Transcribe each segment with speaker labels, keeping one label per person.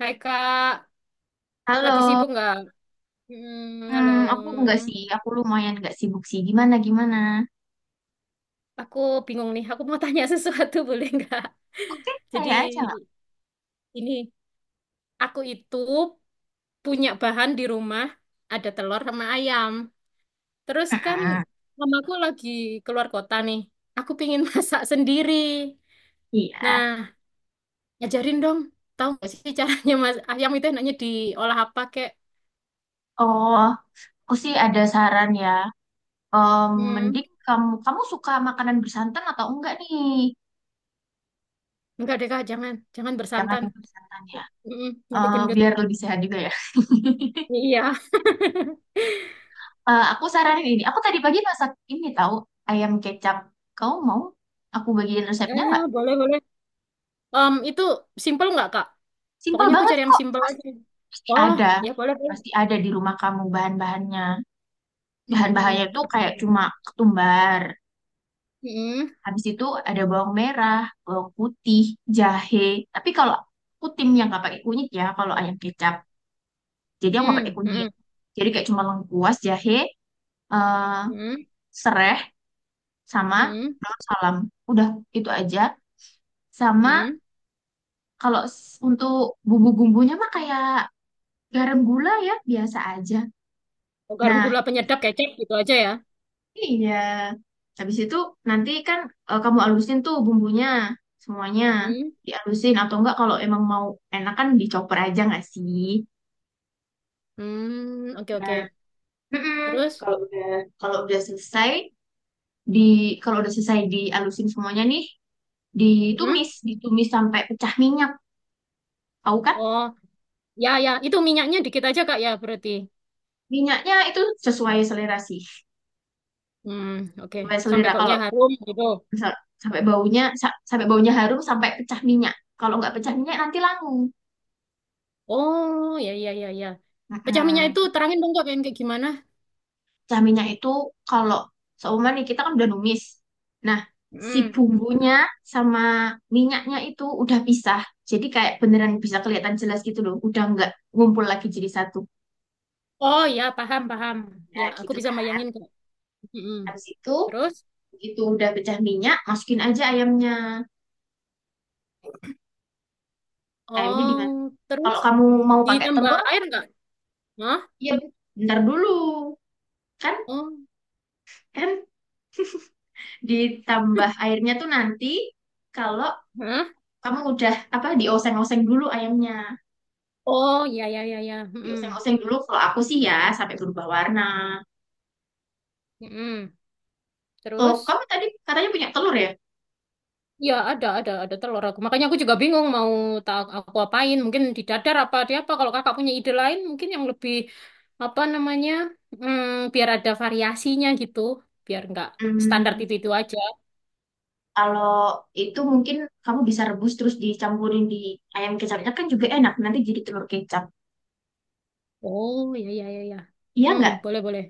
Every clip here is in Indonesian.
Speaker 1: Hai Kak, lagi
Speaker 2: Halo.
Speaker 1: sibuk nggak? Hmm, halo.
Speaker 2: Aku enggak sih, aku lumayan enggak sibuk sih. Gimana, gimana?
Speaker 1: Aku bingung nih, aku mau tanya sesuatu boleh nggak?
Speaker 2: Oke,
Speaker 1: Jadi
Speaker 2: saya aja nggak?
Speaker 1: ini, aku itu punya bahan di rumah, ada telur sama ayam. Terus kan
Speaker 2: Mm-mm.
Speaker 1: mamaku lagi keluar kota nih, aku pingin masak sendiri.
Speaker 2: Iya.
Speaker 1: Nah, ajarin dong, tahu nggak sih caranya mas ayam itu enaknya diolah apa kek?
Speaker 2: Oh, aku sih ada saran ya.
Speaker 1: Hmm,
Speaker 2: Mending kamu suka makanan bersantan atau enggak nih?
Speaker 1: nggak deh Kak, jangan, jangan
Speaker 2: Jangan
Speaker 1: bersantan.
Speaker 2: yang bersantan ya.
Speaker 1: Mm-mm, nanti
Speaker 2: Eh,
Speaker 1: gendut.
Speaker 2: biar lebih sehat juga ya.
Speaker 1: Iya.
Speaker 2: Eh, aku saranin ini. Aku tadi pagi masak ini tahu ayam kecap. Kau mau? Aku bagiin
Speaker 1: Ya
Speaker 2: resepnya nggak?
Speaker 1: boleh, boleh. Itu simple nggak, Kak?
Speaker 2: Simpel
Speaker 1: Pokoknya aku
Speaker 2: banget
Speaker 1: cari yang
Speaker 2: kok.
Speaker 1: simple
Speaker 2: Pasti,
Speaker 1: aja.
Speaker 2: pasti
Speaker 1: Oh,
Speaker 2: ada.
Speaker 1: ya boleh, boleh.
Speaker 2: Pasti ada di rumah kamu bahan-bahannya. Bahan-bahannya
Speaker 1: Mhm.
Speaker 2: itu kayak cuma ketumbar.
Speaker 1: Mhm.
Speaker 2: Habis itu ada bawang merah, bawang putih, jahe. Tapi kalau aku tim yang nggak pakai kunyit ya, kalau ayam kecap. Jadi aku nggak pakai
Speaker 1: Mhm.
Speaker 2: kunyit.
Speaker 1: Mhm.
Speaker 2: Jadi kayak cuma lengkuas, jahe, eh,
Speaker 1: Mhm.
Speaker 2: sereh, sama
Speaker 1: Mhm.
Speaker 2: daun salam. Udah itu aja. Sama
Speaker 1: Mhm.
Speaker 2: kalau untuk bumbu-bumbunya mah kayak garam gula ya, biasa aja.
Speaker 1: Oh, garam
Speaker 2: Nah,
Speaker 1: gula penyedap kecap gitu aja ya.
Speaker 2: iya. Habis itu nanti kan eh, kamu alusin tuh bumbunya semuanya.
Speaker 1: Hmm.
Speaker 2: Dialusin atau enggak kalau emang mau enak kan dicoper aja nggak sih?
Speaker 1: Hmm. Oke,
Speaker 2: Nah,
Speaker 1: oke.
Speaker 2: mm-mm.
Speaker 1: Terus?
Speaker 2: Kalau udah kalau udah selesai di kalau udah selesai dialusin semuanya nih,
Speaker 1: Hmm.
Speaker 2: ditumis, ditumis sampai pecah minyak. Tahu kan?
Speaker 1: Oh, ya, ya. Itu minyaknya dikit aja, Kak, ya berarti.
Speaker 2: Minyaknya itu sesuai selera sih.
Speaker 1: Hmm, oke.
Speaker 2: Sesuai
Speaker 1: Sampai
Speaker 2: selera
Speaker 1: baunya
Speaker 2: kalau
Speaker 1: harum gitu.
Speaker 2: misal sampai baunya harum sampai pecah minyak. Kalau nggak pecah minyak nanti langu.
Speaker 1: Oh, ya, ya, ya, ya. Pecah minyak
Speaker 2: Mm-mm.
Speaker 1: itu terangin dong, Kak, kayak kayak gimana?
Speaker 2: Caminya itu kalau seumpama nih kita kan udah numis. Nah, si
Speaker 1: Hmm.
Speaker 2: bumbunya sama minyaknya itu udah pisah. Jadi kayak beneran bisa kelihatan jelas gitu loh. Udah nggak ngumpul lagi jadi satu.
Speaker 1: Oh ya, paham, paham.
Speaker 2: Ya
Speaker 1: Ya, aku
Speaker 2: gitu
Speaker 1: bisa
Speaker 2: kan.
Speaker 1: bayangin kok. Mm-mm.
Speaker 2: Habis itu
Speaker 1: Terus?
Speaker 2: begitu udah pecah minyak, masukin aja ayamnya. Ayamnya di
Speaker 1: Oh,
Speaker 2: mana?
Speaker 1: terus
Speaker 2: Kalau kamu mau pakai
Speaker 1: ditambah
Speaker 2: telur,
Speaker 1: air nggak? Hah?
Speaker 2: ya bentar dulu. Kan
Speaker 1: Oh,
Speaker 2: kan ditambah airnya tuh nanti kalau
Speaker 1: hah?
Speaker 2: kamu udah apa dioseng-oseng dulu ayamnya.
Speaker 1: Oh, ya, ya, ya, ya. Mm-mm.
Speaker 2: Oseng-oseng dulu kalau aku sih ya sampai berubah warna.
Speaker 1: Mm-mm.
Speaker 2: Oh,
Speaker 1: Terus?
Speaker 2: kamu tadi katanya punya telur ya?
Speaker 1: Ya, ada telur aku. Makanya aku juga bingung mau tak aku apain. Mungkin di dadar apa di apa. Kalau kakak punya ide lain, mungkin yang lebih apa namanya? Biar ada variasinya gitu. Biar nggak standar
Speaker 2: Hmm,
Speaker 1: itu aja.
Speaker 2: Kalau itu mungkin kamu bisa rebus terus dicampurin di ayam kecapnya kan juga enak. Nanti jadi telur kecap.
Speaker 1: Oh, ya, ya, ya, ya.
Speaker 2: Iya
Speaker 1: Hmm,
Speaker 2: nggak?
Speaker 1: boleh, boleh.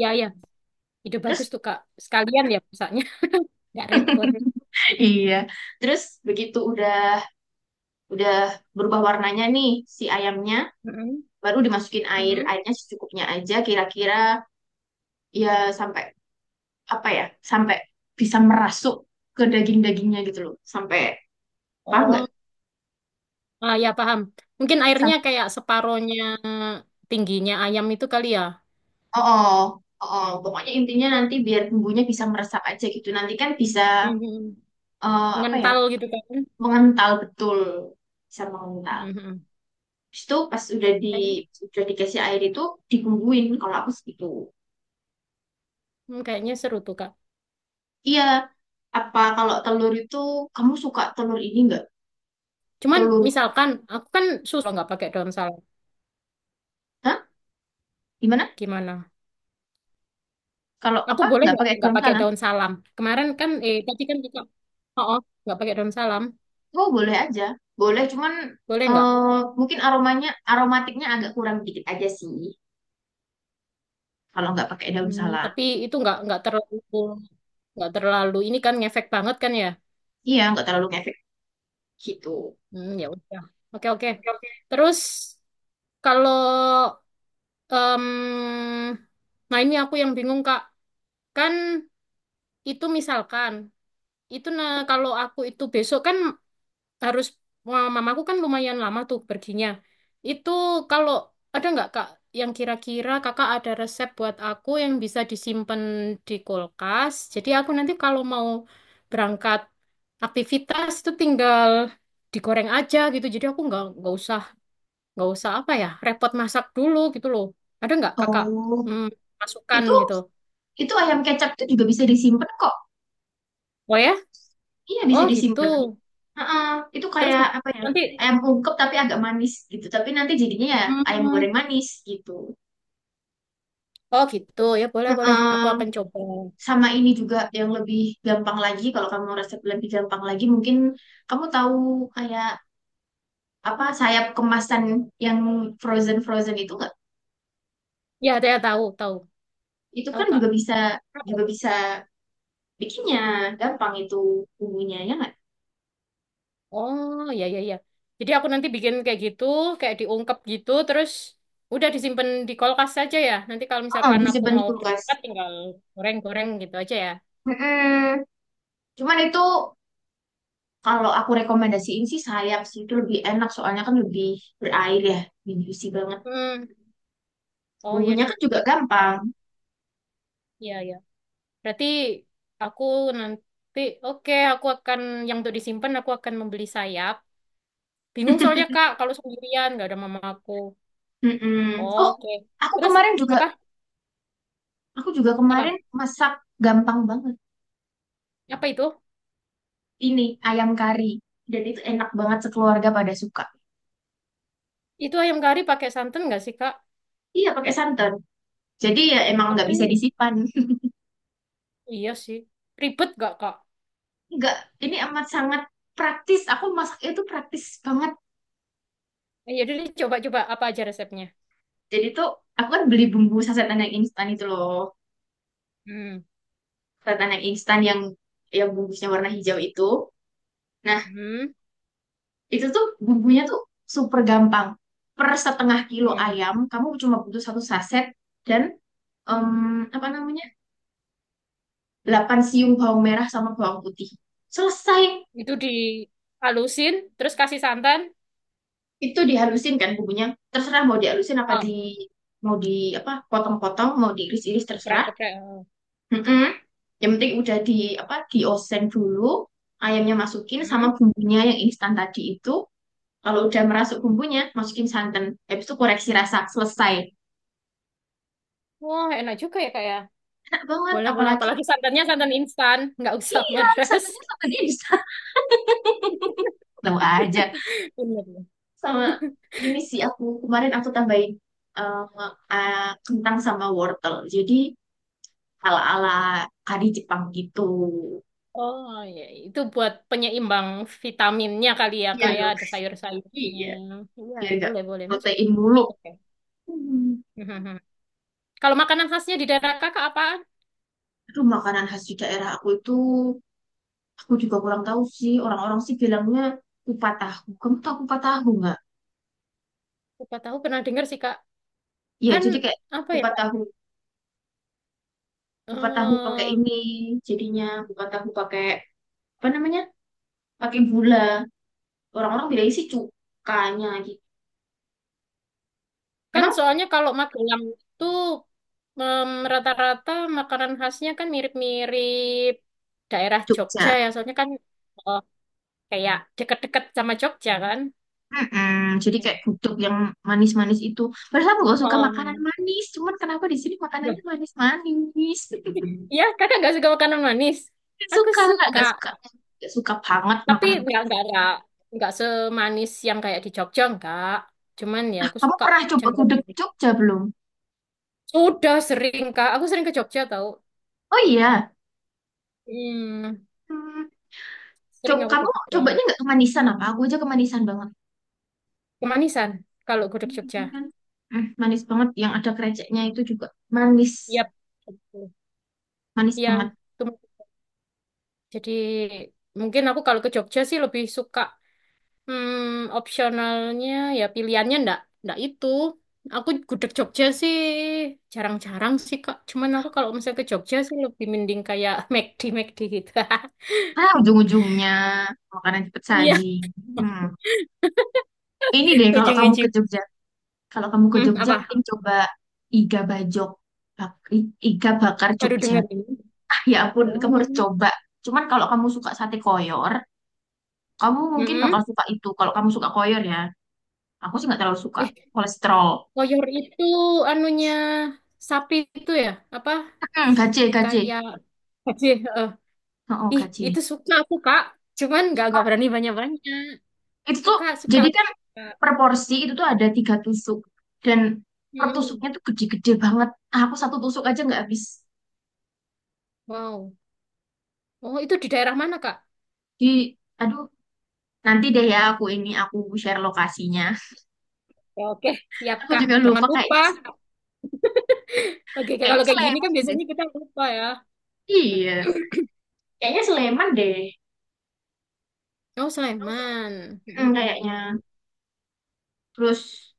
Speaker 1: Ya, ya. Ide bagus
Speaker 2: Terus.
Speaker 1: tuh Kak. Sekalian ya masaknya, nggak repot.
Speaker 2: Iya. Terus begitu udah berubah warnanya nih si ayamnya,
Speaker 1: Mm-mm.
Speaker 2: baru dimasukin air.
Speaker 1: Mm-mm.
Speaker 2: Airnya secukupnya aja kira-kira ya sampai apa ya? Sampai bisa merasuk ke daging-dagingnya gitu loh. Sampai paham nggak?
Speaker 1: Oh, ah, ya paham. Mungkin airnya kayak separohnya tingginya ayam itu kali ya.
Speaker 2: Oh, oh, oh. Oh. Pokoknya intinya nanti biar bumbunya bisa meresap aja gitu. Nanti kan bisa
Speaker 1: Mhm.
Speaker 2: eh, apa ya,
Speaker 1: Mengental gitu kan.
Speaker 2: mengental betul, bisa mengental.
Speaker 1: Mhm.
Speaker 2: Habis itu pas udah di
Speaker 1: Kayaknya-
Speaker 2: udah dikasih air itu dibumbuin. Kalau aku segitu.
Speaker 1: Kayaknya seru tuh Kak.
Speaker 2: Iya. Apa kalau telur itu kamu suka telur ini nggak?
Speaker 1: Cuman
Speaker 2: Telur?
Speaker 1: misalkan aku kan susah nggak pakai daun salam.
Speaker 2: Hah? Gimana?
Speaker 1: Gimana?
Speaker 2: Kalau
Speaker 1: Aku
Speaker 2: apa
Speaker 1: boleh
Speaker 2: nggak pakai
Speaker 1: nggak
Speaker 2: daun
Speaker 1: pakai
Speaker 2: salam?
Speaker 1: daun salam? Kemarin kan, eh tadi kan kita, oh, oh, nggak pakai daun salam,
Speaker 2: Oh, boleh aja, boleh. Cuman
Speaker 1: boleh nggak?
Speaker 2: eh, mungkin aromanya aromatiknya agak kurang dikit aja sih. Kalau nggak pakai daun
Speaker 1: Hmm,
Speaker 2: salam.
Speaker 1: tapi itu nggak terlalu ini kan ngefek banget kan ya?
Speaker 2: Iya, nggak terlalu kayak gitu.
Speaker 1: Hmm, ya udah. Oke, oke.
Speaker 2: Oke, oke.
Speaker 1: Terus kalau em, nah ini aku yang bingung, Kak. Kan itu misalkan itu nah kalau aku itu besok kan harus mamaku kan lumayan lama tuh perginya. Itu kalau ada nggak Kak yang kira-kira Kakak ada resep buat aku yang bisa disimpan di kulkas. Jadi aku nanti kalau mau berangkat aktivitas itu tinggal digoreng aja gitu. Jadi aku nggak usah apa ya repot masak dulu gitu loh, ada nggak kakak
Speaker 2: Oh,
Speaker 1: hmm, masukan
Speaker 2: Itu
Speaker 1: gitu.
Speaker 2: itu ayam kecap itu juga bisa disimpan kok.
Speaker 1: Oh ya.
Speaker 2: Iya bisa
Speaker 1: Oh gitu.
Speaker 2: disimpan. Heeh, itu
Speaker 1: Terus
Speaker 2: kayak apa ya?
Speaker 1: nanti,
Speaker 2: Ayam ungkep tapi agak manis gitu. Tapi nanti jadinya ya ayam
Speaker 1: hmm,
Speaker 2: goreng manis gitu.
Speaker 1: oh gitu ya boleh boleh aku
Speaker 2: Heeh.
Speaker 1: akan coba.
Speaker 2: Sama ini juga yang lebih gampang lagi kalau kamu resep lebih gampang lagi mungkin kamu tahu kayak apa sayap kemasan yang frozen frozen itu nggak?
Speaker 1: Ya saya tahu tahu
Speaker 2: Itu
Speaker 1: tahu
Speaker 2: kan
Speaker 1: kak.
Speaker 2: juga bisa
Speaker 1: Apa
Speaker 2: juga
Speaker 1: itu?
Speaker 2: bisa bikinnya gampang itu bumbunya ya nggak?
Speaker 1: Oh ya, ya, ya, jadi aku nanti bikin kayak gitu, kayak diungkep gitu terus udah disimpan di kulkas saja ya. Nanti kalau
Speaker 2: Oh,
Speaker 1: misalkan aku
Speaker 2: disimpan di
Speaker 1: mau
Speaker 2: kulkas.
Speaker 1: berangkat tinggal goreng-goreng gitu aja ya.
Speaker 2: Mm-mm. Cuman itu kalau aku rekomendasiin sih sayap sih itu lebih enak soalnya kan lebih berair ya, lebih juicy banget.
Speaker 1: Hmm, oh iya
Speaker 2: Bumbunya
Speaker 1: deh.
Speaker 2: kan juga gampang.
Speaker 1: Ntar. Iya ya. Berarti aku nanti, oke, aku akan, yang untuk disimpan, aku akan membeli sayap. Bingung soalnya, Kak, kalau sendirian, nggak ada mama aku.
Speaker 2: Mm-mm. Oh,
Speaker 1: Oke.
Speaker 2: aku
Speaker 1: Terus,
Speaker 2: kemarin juga,
Speaker 1: apa?
Speaker 2: aku juga kemarin
Speaker 1: Apa?
Speaker 2: masak gampang banget.
Speaker 1: Apa itu?
Speaker 2: Ini ayam kari dan itu enak banget sekeluarga pada suka.
Speaker 1: Itu ayam kari pakai santan nggak sih, Kak?
Speaker 2: Iya pakai santan. Jadi ya emang nggak bisa
Speaker 1: Tapi,
Speaker 2: disimpan.
Speaker 1: iya sih. Ribet nggak, Kak?
Speaker 2: Nggak, ini amat sangat praktis. Aku masak itu praktis banget.
Speaker 1: Eh, ya udah coba-coba apa aja resepnya.
Speaker 2: Jadi tuh aku kan beli bumbu sasetan yang instan itu loh.
Speaker 1: Hmm.
Speaker 2: Ketan yang instan yang bungkusnya warna hijau itu. Nah,
Speaker 1: Hmm.
Speaker 2: itu tuh bumbunya tuh super gampang. Per setengah kilo
Speaker 1: Hmm.
Speaker 2: ayam, kamu cuma butuh satu saset dan em, apa namanya? 8 siung bawang merah sama bawang putih. Selesai.
Speaker 1: Itu dihalusin, terus kasih santan.
Speaker 2: Itu dihalusin kan bumbunya. Terserah mau dihalusin apa
Speaker 1: Ah,
Speaker 2: di mau di apa potong-potong, mau diiris-iris terserah.
Speaker 1: geprek-geprek.
Speaker 2: Mm-mm. Yang penting udah di apa diosen dulu, ayamnya masukin sama
Speaker 1: Hmm.
Speaker 2: bumbunya yang instan tadi itu. Kalau udah merasuk bumbunya, masukin santan. Habis itu koreksi rasa, selesai.
Speaker 1: Wah, enak juga ya, Kak, ya?
Speaker 2: Enak banget,
Speaker 1: Boleh, boleh.
Speaker 2: apalagi
Speaker 1: Apalagi santannya santan instan, nggak usah
Speaker 2: iya,
Speaker 1: meres.
Speaker 2: satunya sama dia di sana. Tahu aja.
Speaker 1: Bener.
Speaker 2: Sama ini sih aku kemarin aku tambahin eh, eh, kentang sama wortel. Jadi ala-ala kari Jepang gitu.
Speaker 1: Oh, ya. Itu buat penyeimbang vitaminnya kali ya,
Speaker 2: Iya
Speaker 1: Kak, ya.
Speaker 2: dong.
Speaker 1: Ada sayur-sayurnya.
Speaker 2: Iya,
Speaker 1: Iya,
Speaker 2: biar nggak
Speaker 1: boleh, boleh. Masuk.
Speaker 2: protein mulu.
Speaker 1: Oke.
Speaker 2: Hmm.
Speaker 1: Mhm. Kalau makanan khasnya di daerah Kakak apa?
Speaker 2: Itu makanan khas di daerah aku itu aku juga kurang tahu sih. Orang-orang sih bilangnya kupat tahu. Kamu tahu kupat tahu nggak?
Speaker 1: Siapa tahu pernah dengar sih, Kak.
Speaker 2: Iya,
Speaker 1: Kan,
Speaker 2: jadi kayak
Speaker 1: apa ya,
Speaker 2: kupat
Speaker 1: Kak?
Speaker 2: tahu kupat tahu pakai
Speaker 1: Eh,
Speaker 2: ini jadinya bukan tahu pakai apa namanya pakai gula orang-orang bilang isi cukanya gitu
Speaker 1: kan
Speaker 2: emang
Speaker 1: soalnya kalau Magelang itu rata-rata makanan khasnya kan mirip-mirip daerah Jogja
Speaker 2: Jogja.
Speaker 1: ya. Soalnya kan eh, kayak deket-deket sama Jogja kan.
Speaker 2: Mm-mm. Jadi kayak gudeg yang manis-manis itu. Padahal aku gak suka makanan
Speaker 1: Oh,
Speaker 2: manis. Cuman kenapa di sini
Speaker 1: loh,
Speaker 2: makanannya manis-manis?
Speaker 1: iya kakak nggak suka makanan manis.
Speaker 2: Gak
Speaker 1: Aku
Speaker 2: suka,
Speaker 1: suka,
Speaker 2: gak suka. Gak suka banget
Speaker 1: tapi
Speaker 2: makanan.
Speaker 1: nggak semanis yang kayak di Jogja nggak. Cuman ya
Speaker 2: Nah,
Speaker 1: aku
Speaker 2: kamu
Speaker 1: suka
Speaker 2: pernah coba
Speaker 1: cenderung
Speaker 2: gudeg
Speaker 1: manis.
Speaker 2: Jogja belum?
Speaker 1: Sudah sering kak, aku sering ke Jogja tau.
Speaker 2: Oh iya.
Speaker 1: Hmm,
Speaker 2: Hmm,
Speaker 1: sering aku ke
Speaker 2: kamu
Speaker 1: Jogja.
Speaker 2: cobanya nggak kemanisan apa? Aku aja kemanisan banget.
Speaker 1: Kemanisan kalau gudeg Jogja.
Speaker 2: Manisan kan manis banget yang ada kreceknya itu juga manis
Speaker 1: Yap. Gitu.
Speaker 2: manis
Speaker 1: Iya,
Speaker 2: banget.
Speaker 1: itu jadi mungkin aku kalau ke Jogja sih lebih suka. Opsionalnya ya pilihannya ndak ndak itu. Aku gudeg Jogja sih jarang-jarang sih Kak. Cuman aku kalau misalnya ke Jogja sih lebih mending kayak McD McD gitu.
Speaker 2: Ah, ujung-ujungnya makanan cepet
Speaker 1: Iya,
Speaker 2: saji. hmm. Ini deh kalau kamu ke
Speaker 1: ujung-ujung.
Speaker 2: Jogja kalau kamu ke
Speaker 1: Hmm,
Speaker 2: Jogja
Speaker 1: apa?
Speaker 2: mungkin coba iga bajok iga bakar
Speaker 1: Baru
Speaker 2: Jogja.
Speaker 1: dengar ini.
Speaker 2: Ah, ya ampun kamu harus
Speaker 1: Oh.
Speaker 2: coba cuman kalau kamu suka sate koyor kamu mungkin
Speaker 1: Mm-mm.
Speaker 2: bakal suka itu kalau kamu suka koyor ya aku sih nggak terlalu suka
Speaker 1: Eh,
Speaker 2: kolesterol.
Speaker 1: koyor itu anunya sapi itu ya? Apa?
Speaker 2: Hmm, gaje gaje.
Speaker 1: Kayak Haji, eh,
Speaker 2: Oh, oh
Speaker 1: Ih,
Speaker 2: gaje.
Speaker 1: itu suka aku, Kak. Cuman nggak berani banyak-banyak.
Speaker 2: Itu tuh
Speaker 1: Suka, suka.
Speaker 2: jadi
Speaker 1: Aku,
Speaker 2: kan
Speaker 1: Kak.
Speaker 2: per porsi itu tuh ada 3 tusuk dan per
Speaker 1: Mm-mm.
Speaker 2: tusuknya tuh gede-gede banget. Ah, aku satu tusuk aja nggak habis.
Speaker 1: Wow. Oh, itu di daerah mana, Kak?
Speaker 2: Di Aduh, nanti deh ya aku ini aku share lokasinya.
Speaker 1: Ya, oke, siap,
Speaker 2: Aku
Speaker 1: Kak.
Speaker 2: juga
Speaker 1: Jangan
Speaker 2: lupa
Speaker 1: lupa.
Speaker 2: kayaknya
Speaker 1: Oke, Kak,
Speaker 2: kayaknya
Speaker 1: kalau kayak gini
Speaker 2: Sleman
Speaker 1: kan
Speaker 2: deh.
Speaker 1: biasanya kita lupa ya.
Speaker 2: Iya, kayaknya Sleman deh.
Speaker 1: Oh, Sleman. Mm,
Speaker 2: Hmm,
Speaker 1: mm, mm,
Speaker 2: kayaknya.
Speaker 1: mm.
Speaker 2: Terus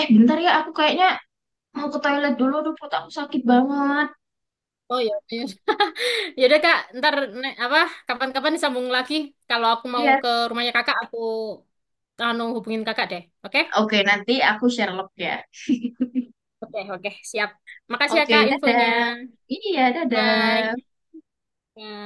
Speaker 2: eh bentar ya aku kayaknya mau ke toilet dulu aduh perut aku sakit banget.
Speaker 1: Oh ya, ya udah Kak, ntar ne- apa kapan-kapan disambung lagi. Kalau aku mau
Speaker 2: Iya.
Speaker 1: ke rumahnya Kakak, aku anu hubungin Kakak deh. Oke?
Speaker 2: Oke, nanti aku share log ya.
Speaker 1: Oke, oke, siap. Makasih ya
Speaker 2: Oke,
Speaker 1: Kak infonya.
Speaker 2: dadah. Iya, dadah.
Speaker 1: Bye. Bye.